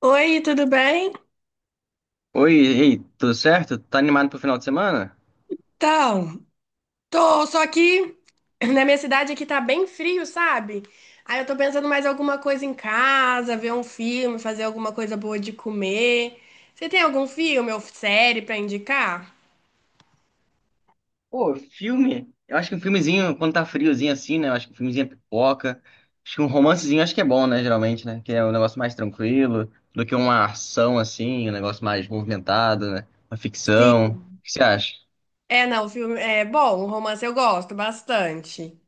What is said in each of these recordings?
Oi, tudo bem? Oi, ei, tudo certo? Tá animado pro final de semana? Então, tô só aqui. Na minha cidade aqui tá bem frio, sabe? Aí eu tô pensando mais alguma coisa em casa, ver um filme, fazer alguma coisa boa de comer. Você tem algum filme ou série pra indicar? Pô, filme? Eu acho que um filmezinho, quando tá friozinho assim, né? Eu acho que um filmezinho é pipoca. Acho que um romancezinho acho que é bom, né? Geralmente, né? Que é um negócio mais tranquilo do que uma ação assim, um negócio mais movimentado, né? Uma ficção. O Sim. que você acha? É, não, o filme é bom, o romance eu gosto bastante.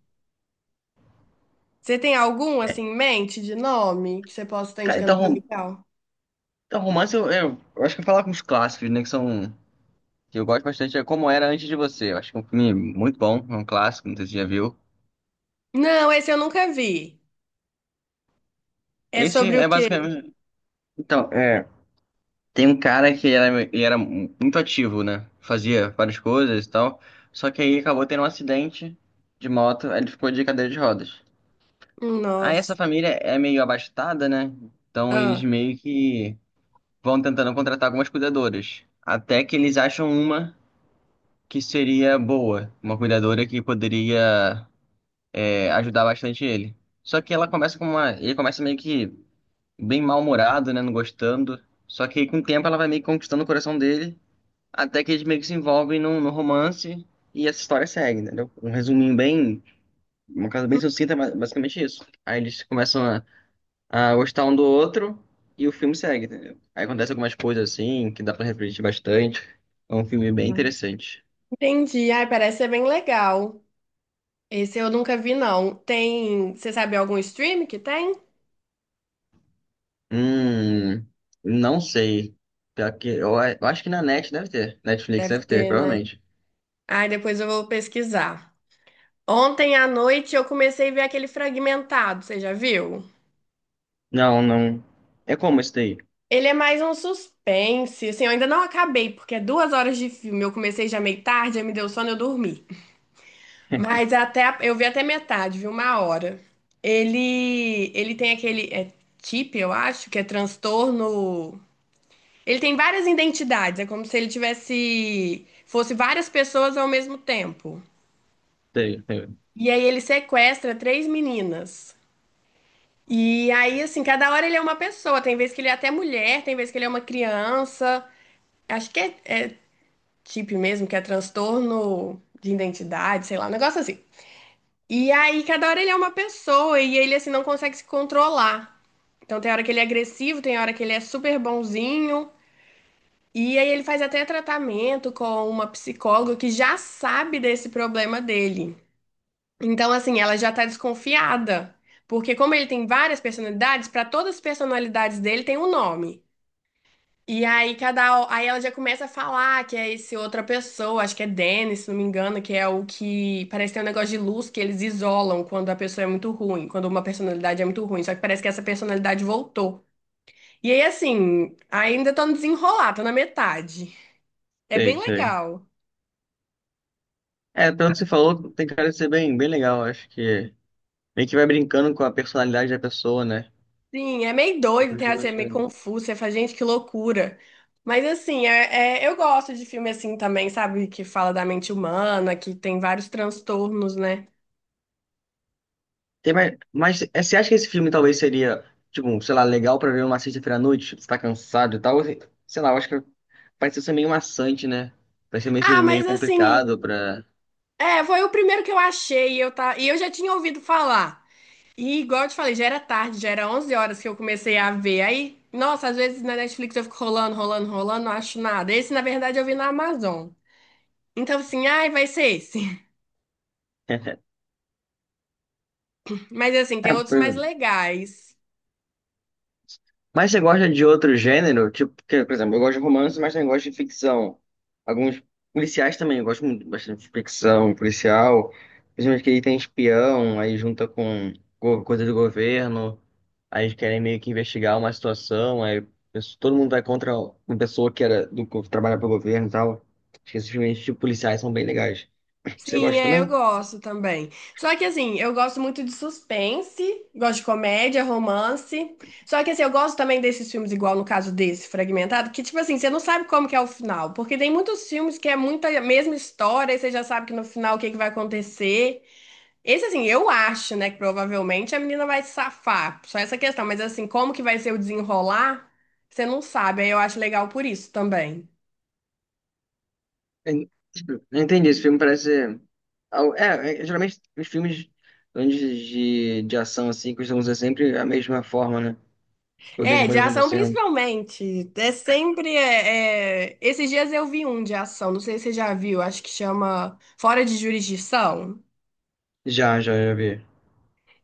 Você tem algum assim em mente de nome que você possa estar Cara, indicando então, pra legal? então romance eu acho que eu vou falar com os clássicos, né? Que são. Que eu gosto bastante, é Como Era Antes de Você. Eu acho que é um filme muito bom, é um clássico, não sei se você já viu. Não, esse eu nunca vi. É Esse sobre o é quê? basicamente. Então, é. Tem um cara que era, ele era muito ativo, né? Fazia várias coisas e tal. Só que aí acabou tendo um acidente de moto, aí ele ficou de cadeira de rodas. Aí Nossa. essa família é meio abastada, né? Então eles Ah, meio que vão tentando contratar algumas cuidadoras. Até que eles acham uma que seria boa, uma cuidadora que poderia ajudar bastante ele. Só que ela começa com uma. Ele começa meio que bem mal-humorado, né? Não gostando. Só que aí, com o tempo ela vai meio que conquistando o coração dele. Até que eles meio que se envolvem num romance e essa história segue, entendeu? Um resuminho bem, uma coisa bem sucinta, mas basicamente isso. Aí eles começam a gostar um do outro e o filme segue, entendeu? Aí acontece algumas coisas assim que dá pra refletir bastante. É um filme bem interessante. entendi. Ai, parece ser bem legal. Esse eu nunca vi, não. Tem. Você sabe algum stream que tem? Hum, não sei. Pior que, eu acho que na Net deve ter. Netflix Deve deve ter, ter, né? provavelmente. Ai, depois eu vou pesquisar. Ontem à noite eu comecei a ver aquele Fragmentado, você já viu? Não, não. É como esse daí? Ele é mais um suspense, assim, eu ainda não acabei, porque é duas horas de filme. Eu comecei já meio tarde, aí me deu sono, e eu dormi. Mas até, eu vi até metade, vi uma hora. Ele tem aquele, é TIP, eu acho, que é transtorno. Ele tem várias identidades, é como se ele tivesse, fosse várias pessoas ao mesmo tempo. Sei, sei, E aí ele sequestra três meninas. E aí, assim, cada hora ele é uma pessoa. Tem vez que ele é até mulher, tem vez que ele é uma criança. Acho que é, é TIP mesmo, que é transtorno de identidade, sei lá, um negócio assim. E aí, cada hora ele é uma pessoa e ele, assim, não consegue se controlar. Então, tem hora que ele é agressivo, tem hora que ele é super bonzinho. E aí ele faz até tratamento com uma psicóloga que já sabe desse problema dele. Então, assim, ela já tá desconfiada. Porque como ele tem várias personalidades, para todas as personalidades dele tem um nome. E aí cada aí ela já começa a falar que é esse outra pessoa, acho que é Dennis, se não me engano, que é o que parece ter um negócio de luz que eles isolam quando a pessoa é muito ruim, quando uma personalidade é muito ruim, só que parece que essa personalidade voltou. E aí assim, ainda tô no desenrolar, tô na metade. É sei, bem sei. legal. É, pelo que você falou, tem cara de ser bem, bem legal, acho que. Meio que vai brincando com a personalidade da pessoa, né? Sim, é meio doido, tem assim, é meio confuso, você fala, gente, que loucura. Mas assim, eu gosto de filme assim também, sabe? Que fala da mente humana, que tem vários transtornos, né? Tem mais... Mas é, você acha que esse filme talvez seria, tipo, sei lá, legal pra ver uma sexta-feira à noite? Você tá cansado e tal? Sei sei lá, eu acho que vai ser meio maçante, né? Vai ser Ah, meio mas assim, complicado pra. é, foi o primeiro que eu achei, e eu, tá, e eu já tinha ouvido falar. E igual eu te falei, já era tarde, já era 11 horas que eu comecei a ver. Aí, nossa, às vezes na Netflix eu fico rolando, rolando, rolando, não acho nada. Esse, na verdade, eu vi na Amazon. Então, assim, ai, vai ser esse. Mas assim, É, tem outros pois mais é. legais. Mas você gosta de outro gênero? Tipo, que, por exemplo, eu gosto de romance, mas também gosto de ficção. Alguns policiais também, eu gosto muito bastante de ficção policial. Principalmente que aí tem espião, aí junta com coisa do governo, aí eles querem meio que investigar uma situação, aí todo mundo vai contra uma pessoa que era que trabalha para o governo e tal. Acho que esses filmes de policiais são bem legais. Você Sim, gosta é, eu também? gosto também. Só que assim, eu gosto muito de suspense, gosto de comédia, romance. Só que assim, eu gosto também desses filmes, igual no caso desse, Fragmentado, que tipo assim, você não sabe como que é o final. Porque tem muitos filmes que é muita a mesma história, e você já sabe que no final o que que vai acontecer. Esse assim, eu acho, né, que provavelmente a menina vai se safar. Só essa questão, mas assim, como que vai ser o desenrolar, você não sabe. Aí eu acho legal por isso também. en- Entendi, esse filme parece. É, é, geralmente os filmes grandes de ação assim costumam ser sempre a mesma forma, né? A É, mesma de coisa ação acontecendo. principalmente. É sempre. Esses dias eu vi um de ação, não sei se você já viu, acho que chama Fora de Jurisdição. Já, já, já vi.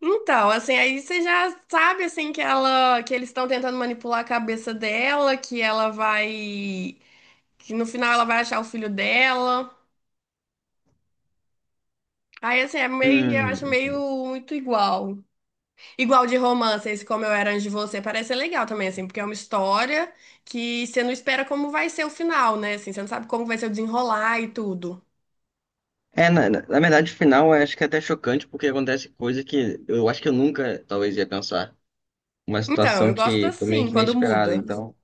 Então, assim, aí você já sabe assim que ela, que eles estão tentando manipular a cabeça dela, que ela vai, que no final ela vai achar o filho dela. Aí assim, é meio, eu acho Hum. meio muito igual. Igual de romance, esse Como Eu Era Antes de Você, parece ser legal também, assim, porque é uma história que você não espera como vai ser o final, né? Assim, você não sabe como vai ser o desenrolar e tudo. É, na verdade, o final eu acho que é até chocante, porque acontece coisa que eu acho que eu nunca talvez ia pensar. Uma Então, situação eu gosto que foi meio assim, que quando inesperada, muda. então.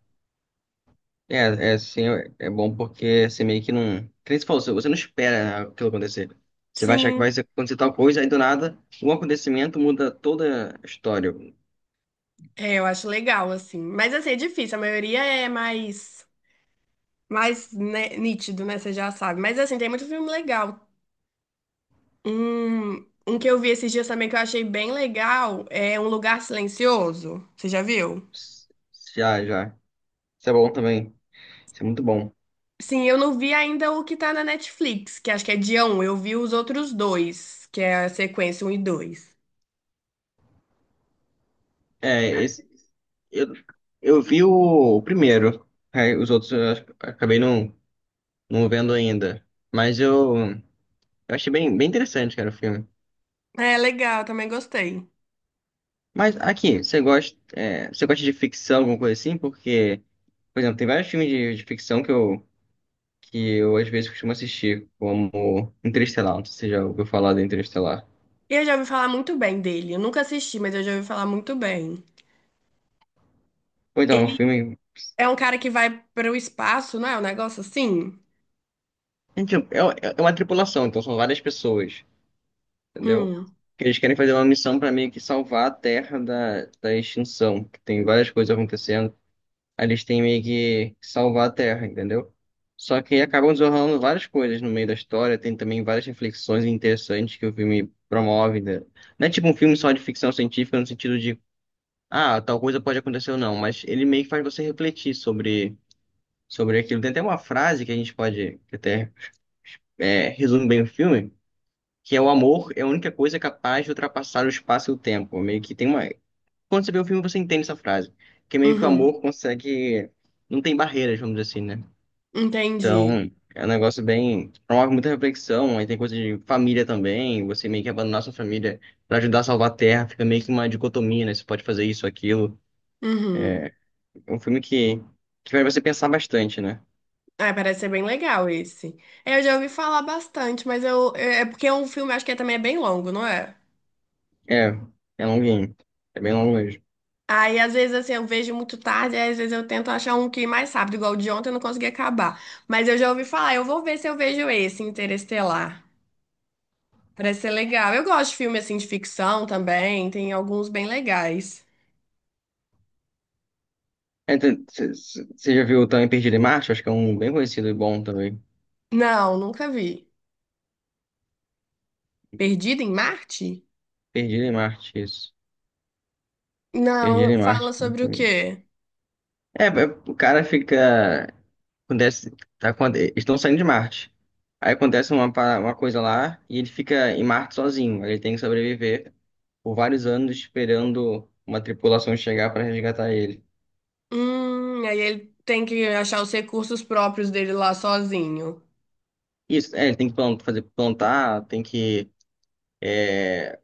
É, é sim, é bom porque você meio que não. Que nem você falou, você não espera aquilo acontecer. Você vai achar que Sim, vai acontecer tal coisa, aí do nada, um acontecimento muda toda a história. é, eu acho legal, assim. Mas, assim, é difícil, a maioria é mais, mais né, nítido, né? Você já sabe. Mas, assim, tem muito filme legal. Um que eu vi esses dias também que eu achei bem legal é Um Lugar Silencioso. Você já viu? S- Já, já. Isso é bom também. Isso é muito bom. Sim, eu não vi ainda o que tá na Netflix, que acho que é dia um. Eu vi os outros dois, que é a sequência um e dois. É, esse, eu, eu vi o primeiro. Aí os outros eu acabei não vendo ainda. Mas eu achei bem, bem interessante, cara, o filme. É legal, também gostei. Mas aqui, você gosta, é, você gosta de ficção, alguma coisa assim? Porque, por exemplo, tem vários filmes de ficção que eu às vezes costumo assistir, como Interestelar, não sei se você já ouviu falar de Interestelar. E eu já ouvi falar muito bem dele. Eu nunca assisti, mas eu já ouvi falar muito bem. Ou então, é um Ele filme. é um cara que vai para o espaço, não é? Um negócio assim? Gente, é, é uma tripulação, então são várias pessoas, entendeu? Hum, Que eles querem fazer uma missão para meio que salvar a Terra da extinção, que tem várias coisas acontecendo. Aí eles têm meio que salvar a Terra, entendeu? Só que acabam desenrolando várias coisas no meio da história, tem também várias reflexões interessantes que o filme promove. Né? Não é tipo um filme só de ficção científica no sentido de, ah, tal coisa pode acontecer ou não, mas ele meio que faz você refletir sobre, sobre aquilo. Tem até uma frase que a gente pode, que até resume bem o filme, que é o amor é a única coisa capaz de ultrapassar o espaço e o tempo. Meio que tem uma... Quando você vê o filme, você entende essa frase, que meio que o uhum, amor consegue... Não tem barreiras, vamos dizer assim, né? entendi. Então, é um negócio bem. Promove muita reflexão, aí tem coisa de família também, você meio que abandonar sua família pra ajudar a salvar a Terra, fica meio que uma dicotomia, né? Você pode fazer isso, aquilo. Uhum. É um filme que faz você pensar bastante, né? Ah, parece ser bem legal esse. É, eu já ouvi falar bastante, mas eu, porque é um filme, acho que também é bem longo, não é? É, é longuinho. É bem longo mesmo. Aí, às vezes, assim, eu vejo muito tarde, aí, às vezes eu tento achar um que é mais rápido, igual o de ontem eu não consegui acabar. Mas eu já ouvi falar, eu vou ver se eu vejo esse, Interestelar. Parece ser legal. Eu gosto de filme, assim, de ficção também, tem alguns bem legais. É, então, Você já viu também Perdido em Marte? Acho que é um bem conhecido e bom também. Não, nunca vi. Perdido em Marte? Perdido em Marte, isso. Perdido em Não, fala Marte. sobre o quê? É, é, o cara fica. Acontece, tá, eles estão saindo de Marte. Aí acontece uma coisa lá e ele fica em Marte sozinho. Ele tem que sobreviver por vários anos esperando uma tripulação chegar para resgatar ele. Aí ele tem que achar os recursos próprios dele lá sozinho. Isso, é, ele tem que fazer plantar, tem que é,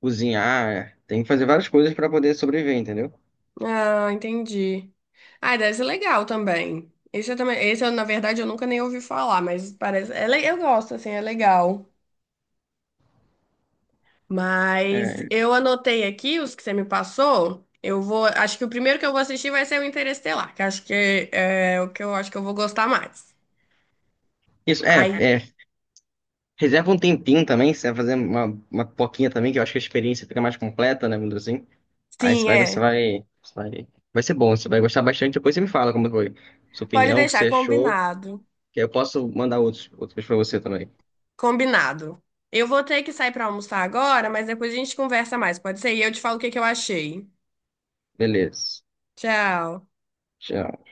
cozinhar, tem que fazer várias coisas para poder sobreviver, entendeu? Ah, entendi. Ah, deve ser legal também. Esse eu também, esse eu, na verdade, eu nunca nem ouvi falar, mas parece, eu gosto, assim, é legal. Mas É, eu anotei aqui os que você me passou. Eu vou, acho que o primeiro que eu vou assistir vai ser o Interestelar, que acho que é o que eu acho que eu vou gostar mais. isso, é, Aí, é. Reserva um tempinho também, se você vai fazer uma poquinha também, que eu acho que a experiência fica mais completa, né, vamos dizer assim. Aí você sim, vai, você é. vai, você vai, vai ser bom, você vai gostar bastante. Depois você me fala como foi sua Pode opinião, o que você deixar achou, combinado. que aí eu posso mandar outros, outros para você também. Combinado. Eu vou ter que sair para almoçar agora, mas depois a gente conversa mais, pode ser? E eu te falo o que que eu achei. Beleza. Tchau. Tchau.